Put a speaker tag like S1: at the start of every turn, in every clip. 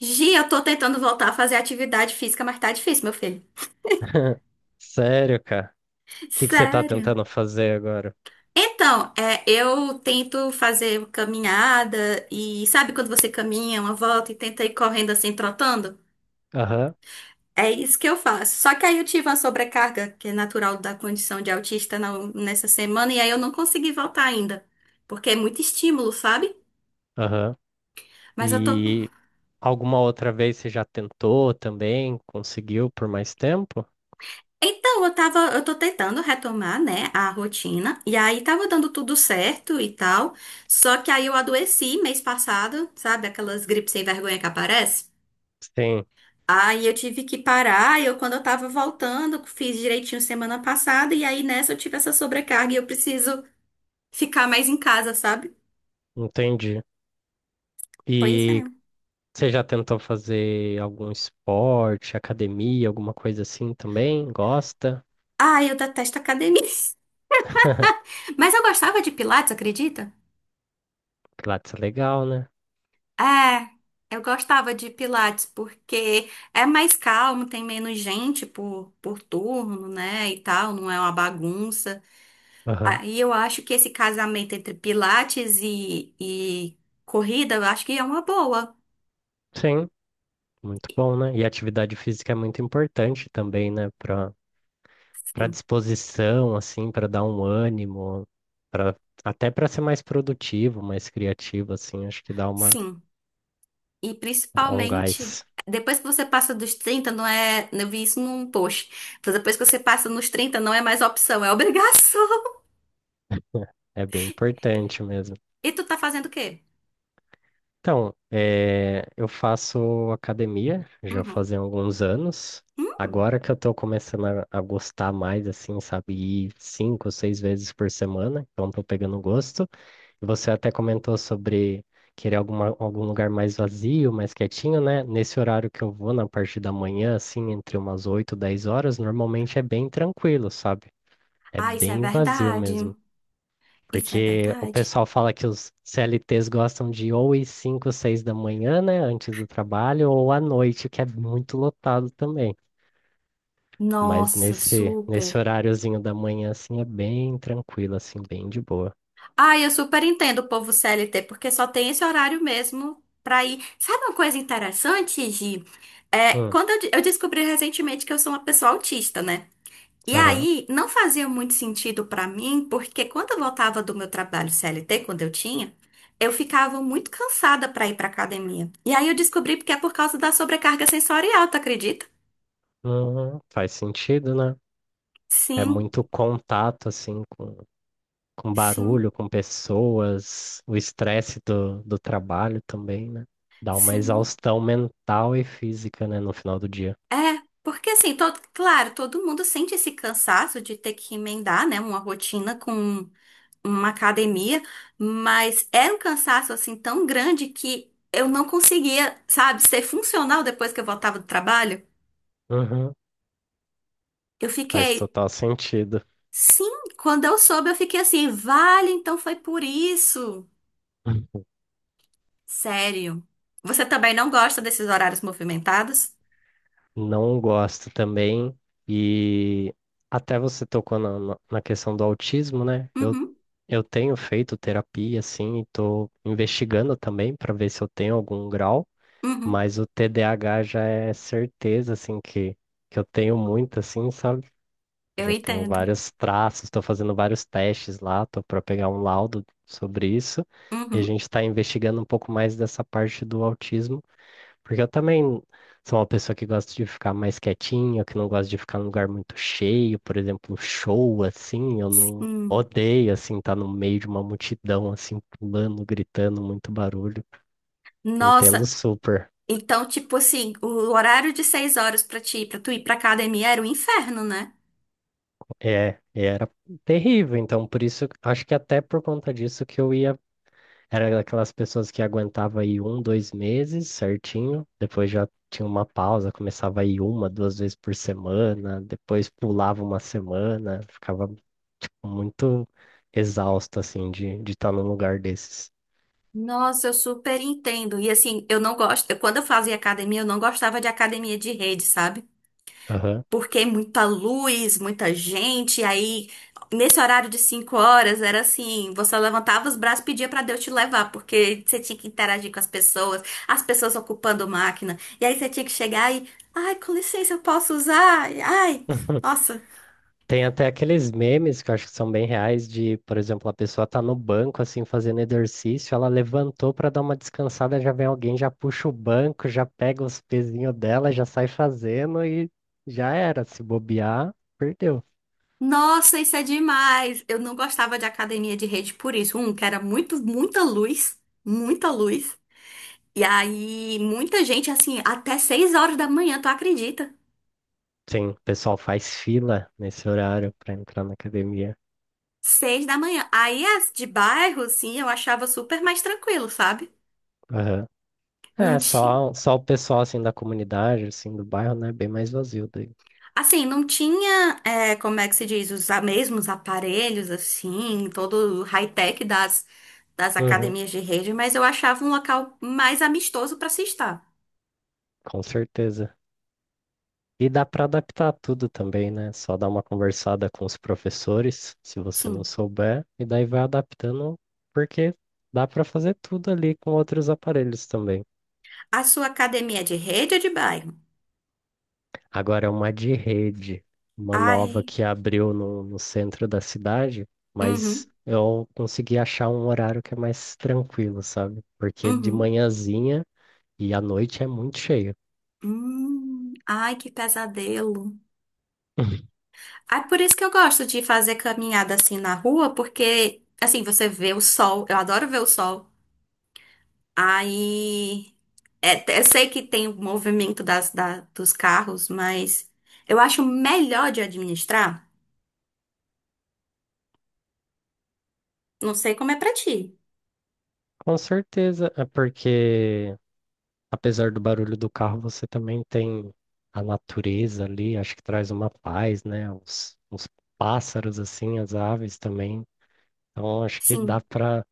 S1: Gi, eu tô tentando voltar a fazer atividade física, mas tá difícil, meu filho.
S2: Sério, cara? O que que você tá
S1: Sério?
S2: tentando fazer agora?
S1: Então, é, eu tento fazer caminhada e sabe quando você caminha uma volta e tenta ir correndo assim, trotando?
S2: Aham,
S1: É isso que eu faço. Só que aí eu tive uma sobrecarga, que é natural da condição de autista nessa semana, e aí eu não consegui voltar ainda. Porque é muito estímulo, sabe?
S2: aham.
S1: Mas eu tô.
S2: E alguma outra vez você já tentou também? Conseguiu por mais tempo?
S1: Então, eu tô tentando retomar, né, a rotina, e aí tava dando tudo certo e tal, só que aí eu adoeci mês passado, sabe, aquelas gripes sem vergonha que aparece?
S2: Sim,
S1: Aí eu tive que parar, e eu quando eu tava voltando, fiz direitinho semana passada, e aí nessa eu tive essa sobrecarga e eu preciso ficar mais em casa, sabe?
S2: entendi.
S1: Pois é.
S2: E você já tentou fazer algum esporte, academia, alguma coisa assim também? Gosta?
S1: Ah, eu detesto academia. Mas eu gostava de pilates, acredita?
S2: Pilates é legal, né?
S1: É, eu gostava de Pilates porque é mais calmo, tem menos gente por turno, né, e tal, não é uma bagunça.
S2: Aham.
S1: Aí eu acho que esse casamento entre Pilates e corrida, eu acho que é uma boa.
S2: Sim, muito bom, né? E atividade física é muito importante também, né? Para
S1: Sim,
S2: disposição, assim, para dar um ânimo, para até para ser mais produtivo, mais criativo, assim, acho que
S1: sim. E
S2: dá um
S1: principalmente,
S2: gás.
S1: depois que você passa dos 30, não é. Eu vi isso num post. Depois que você passa nos 30, não é mais opção, é obrigação.
S2: É bem importante mesmo.
S1: E tu tá fazendo o quê?
S2: Então, eu faço academia já
S1: Uhum.
S2: fazem alguns anos.
S1: Hum.
S2: Agora que eu tô começando a gostar mais, assim, sabe, ir 5, 6 vezes por semana, então tô pegando gosto. Você até comentou sobre querer algum lugar mais vazio, mais quietinho, né? Nesse horário que eu vou, na parte da manhã, assim, entre umas 8 e 10 horas, normalmente é bem tranquilo, sabe? É
S1: Ah, isso é
S2: bem vazio
S1: verdade.
S2: mesmo.
S1: Isso é
S2: Porque o
S1: verdade?
S2: pessoal fala que os CLTs gostam de ou ir 5, 6 da manhã, né? Antes do trabalho, ou à noite, que é muito lotado também. Mas
S1: Nossa,
S2: nesse
S1: super.
S2: horáriozinho da manhã, assim, é bem tranquilo, assim, bem de boa.
S1: Ah, eu super entendo o povo CLT, porque só tem esse horário mesmo pra ir. Sabe uma coisa interessante, Gi? É,
S2: Hum,
S1: quando eu descobri recentemente que eu sou uma pessoa autista, né? E
S2: aham.
S1: aí, não fazia muito sentido pra mim, porque quando eu voltava do meu trabalho CLT, quando eu tinha, eu ficava muito cansada pra ir pra academia. E aí eu descobri porque é por causa da sobrecarga sensorial, tu acredita?
S2: Uhum, faz sentido, né? É
S1: Sim,
S2: muito contato, assim, com
S1: sim,
S2: barulho, com pessoas, o estresse do trabalho também, né? Dá uma
S1: sim.
S2: exaustão mental e física, né, no final do dia.
S1: É, porque assim, todo, claro, todo mundo sente esse cansaço de ter que emendar, né, uma rotina com uma academia, mas era um cansaço assim tão grande que eu não conseguia, sabe, ser funcional depois que eu voltava do trabalho.
S2: Uhum,
S1: Eu
S2: faz
S1: fiquei,
S2: total sentido.
S1: sim, quando eu soube, eu fiquei assim, vale, então foi por isso. Sério. Você também não gosta desses horários movimentados?
S2: Não gosto também. E até você tocou na questão do autismo, né?
S1: Uhum,
S2: Eu tenho feito terapia, assim, e tô investigando também para ver se eu tenho algum grau.
S1: uhum,
S2: Mas o TDAH já é certeza, assim, que eu tenho muito, assim, sabe?
S1: eu
S2: Já tenho
S1: entendo.
S2: vários traços, estou fazendo vários testes lá, tô para pegar um laudo sobre isso. E a
S1: Uhum,
S2: gente está investigando um pouco mais dessa parte do autismo, porque eu também sou uma pessoa que gosta de ficar mais quietinha, que não gosta de ficar num lugar muito cheio, por exemplo, show, assim, eu não
S1: sim.
S2: odeio, assim, estar no meio de uma multidão, assim, pulando, gritando, muito barulho. Entendo
S1: Nossa,
S2: super.
S1: então, tipo assim, o horário de 6h pra tu ir pra academia era um inferno, né?
S2: É, e era terrível, então por isso, acho que até por conta disso que eu ia, era daquelas pessoas que aguentava aí 1, 2 meses certinho, depois já tinha uma pausa, começava aí 1, 2 vezes por semana, depois pulava uma semana, ficava muito exausto assim de estar num lugar desses.
S1: Nossa, eu super entendo. E assim, eu não gosto. Quando eu fazia academia, eu não gostava de academia de rede, sabe?
S2: Aham.
S1: Porque muita luz, muita gente. Aí, nesse horário de 5h, era assim: você levantava os braços e pedia pra Deus te levar, porque você tinha que interagir com as pessoas ocupando máquina. E aí você tinha que chegar e, ai, com licença, eu posso usar? Ai, nossa.
S2: Tem até aqueles memes que eu acho que são bem reais de, por exemplo, a pessoa tá no banco assim fazendo exercício, ela levantou para dar uma descansada, já vem alguém, já puxa o banco, já pega os pezinhos dela, já sai fazendo e já era, se bobear, perdeu.
S1: Nossa, isso é demais! Eu não gostava de academia de rede por isso. Um, que era muito, muita luz, muita luz. E aí, muita gente, assim, até 6h da manhã, tu acredita?
S2: Sim, o pessoal faz fila nesse horário para entrar na academia.
S1: 6 da manhã. Aí, as de bairro, sim, eu achava super mais tranquilo, sabe?
S2: Aham. É,
S1: Não tinha.
S2: só o pessoal assim da comunidade, assim do bairro, né, bem mais vazio daí.
S1: Assim, não tinha, é, como é que se diz, os mesmos aparelhos, assim, todo o high-tech das
S2: Uhum,
S1: academias de rede, mas eu achava um local mais amistoso pra se estar.
S2: com certeza. E dá para adaptar tudo também, né? Só dá uma conversada com os professores, se você não
S1: Sim.
S2: souber, e daí vai adaptando, porque dá para fazer tudo ali com outros aparelhos também.
S1: A sua academia é de rede ou de bairro?
S2: Agora, uma de rede, uma nova
S1: Ai,
S2: que abriu no centro da cidade,
S1: uhum,
S2: mas eu consegui achar um horário que é mais tranquilo, sabe? Porque de
S1: uhum,
S2: manhãzinha e à noite é muito cheio.
S1: ai, que pesadelo. Ai, por isso que eu gosto de fazer caminhada assim na rua, porque assim você vê o sol. Eu adoro ver o sol. Aí, é, eu sei que tem o movimento dos carros, mas eu acho melhor de administrar. Não sei como é pra ti.
S2: Com certeza, é porque apesar do barulho do carro, você também tem a natureza ali, acho que traz uma paz, né? Os pássaros, assim, as aves também. Então, acho que dá
S1: Sim,
S2: para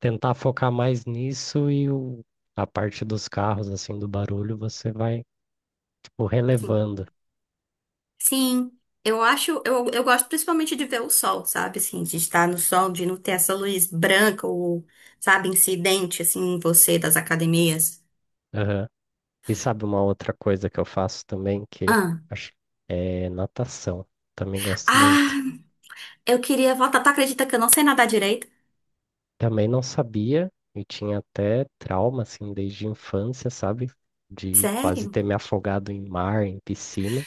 S2: tentar focar mais nisso e a parte dos carros, assim, do barulho, você vai, tipo,
S1: sim.
S2: relevando.
S1: Sim, eu gosto principalmente de ver o sol, sabe? Assim, de estar no sol, de não ter essa luz branca ou, sabe, incidente, assim, em você das academias.
S2: Aham. E sabe uma outra coisa que eu faço também, que
S1: Ah,
S2: acho é natação. Também gosto
S1: ah,
S2: muito.
S1: eu queria voltar. Tu acredita que eu não sei nadar direito?
S2: Também não sabia e tinha até trauma, assim, desde a infância, sabe? De quase
S1: Sério?
S2: ter me afogado em mar, em piscina,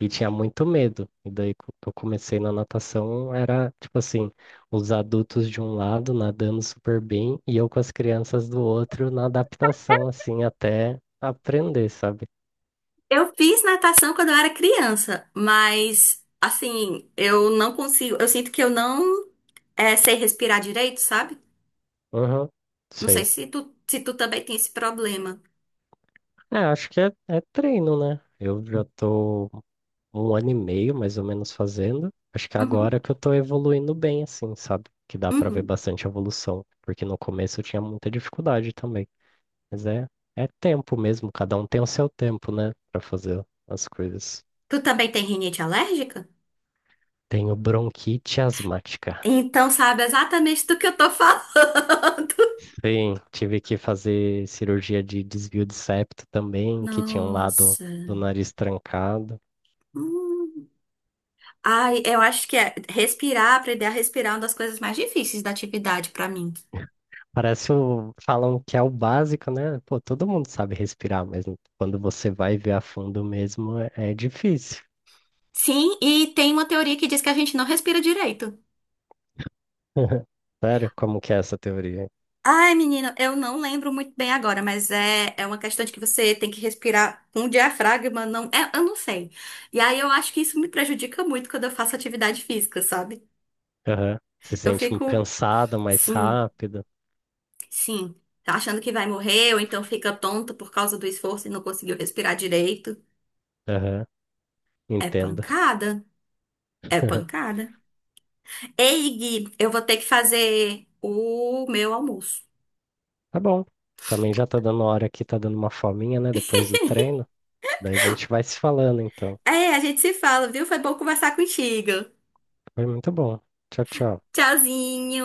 S2: e tinha muito medo. E daí, eu comecei na natação, era tipo assim: os adultos de um lado nadando super bem e eu com as crianças do outro na adaptação, assim, até aprender, sabe?
S1: Eu fiz natação quando eu era criança, mas, assim, eu não consigo. Eu sinto que eu não sei respirar direito, sabe?
S2: Uhum,
S1: Não sei
S2: sei.
S1: se tu também tem esse problema.
S2: É, acho que é treino, né? Eu já tô. 1 ano e meio mais ou menos fazendo. Acho que
S1: Uhum,
S2: agora que eu tô evoluindo bem, assim, sabe? Que dá pra ver
S1: uhum.
S2: bastante evolução, porque no começo eu tinha muita dificuldade também. Mas é, é tempo mesmo, cada um tem o seu tempo, né, pra fazer as coisas.
S1: Tu também tem rinite alérgica?
S2: Tenho bronquite asmática.
S1: Então sabe exatamente do que eu tô falando.
S2: Sim, tive que fazer cirurgia de desvio de septo também, que tinha um lado
S1: Nossa.
S2: do nariz trancado.
S1: Hum. Ai, eu acho que é respirar, aprender a respirar é uma das coisas mais difíceis da atividade pra mim.
S2: Parece o. Falam que é o básico, né? Pô, todo mundo sabe respirar, mas quando você vai ver a fundo mesmo, é difícil.
S1: Sim, e tem uma teoria que diz que a gente não respira direito.
S2: Sério? Como que é essa teoria?
S1: Ai, menina, eu não lembro muito bem agora, mas é uma questão de que você tem que respirar com o diafragma, não, eu não sei. E aí eu acho que isso me prejudica muito quando eu faço atividade física, sabe?
S2: Aham. Se
S1: Eu
S2: sente um
S1: fico,
S2: cansado mais
S1: sim.
S2: rápido.
S1: Sim, tá achando que vai morrer ou então fica tonta por causa do esforço e não conseguiu respirar direito.
S2: Aham.
S1: É
S2: Entendo.
S1: pancada, é pancada. Ei, Gui, eu vou ter que fazer o meu almoço.
S2: Tá bom. Também já tá dando hora aqui, tá dando uma fominha, né? Depois do treino. Daí a gente vai se falando, então.
S1: É, a gente se fala, viu? Foi bom conversar contigo.
S2: Foi muito bom. Tchau, tchau.
S1: Tchauzinho.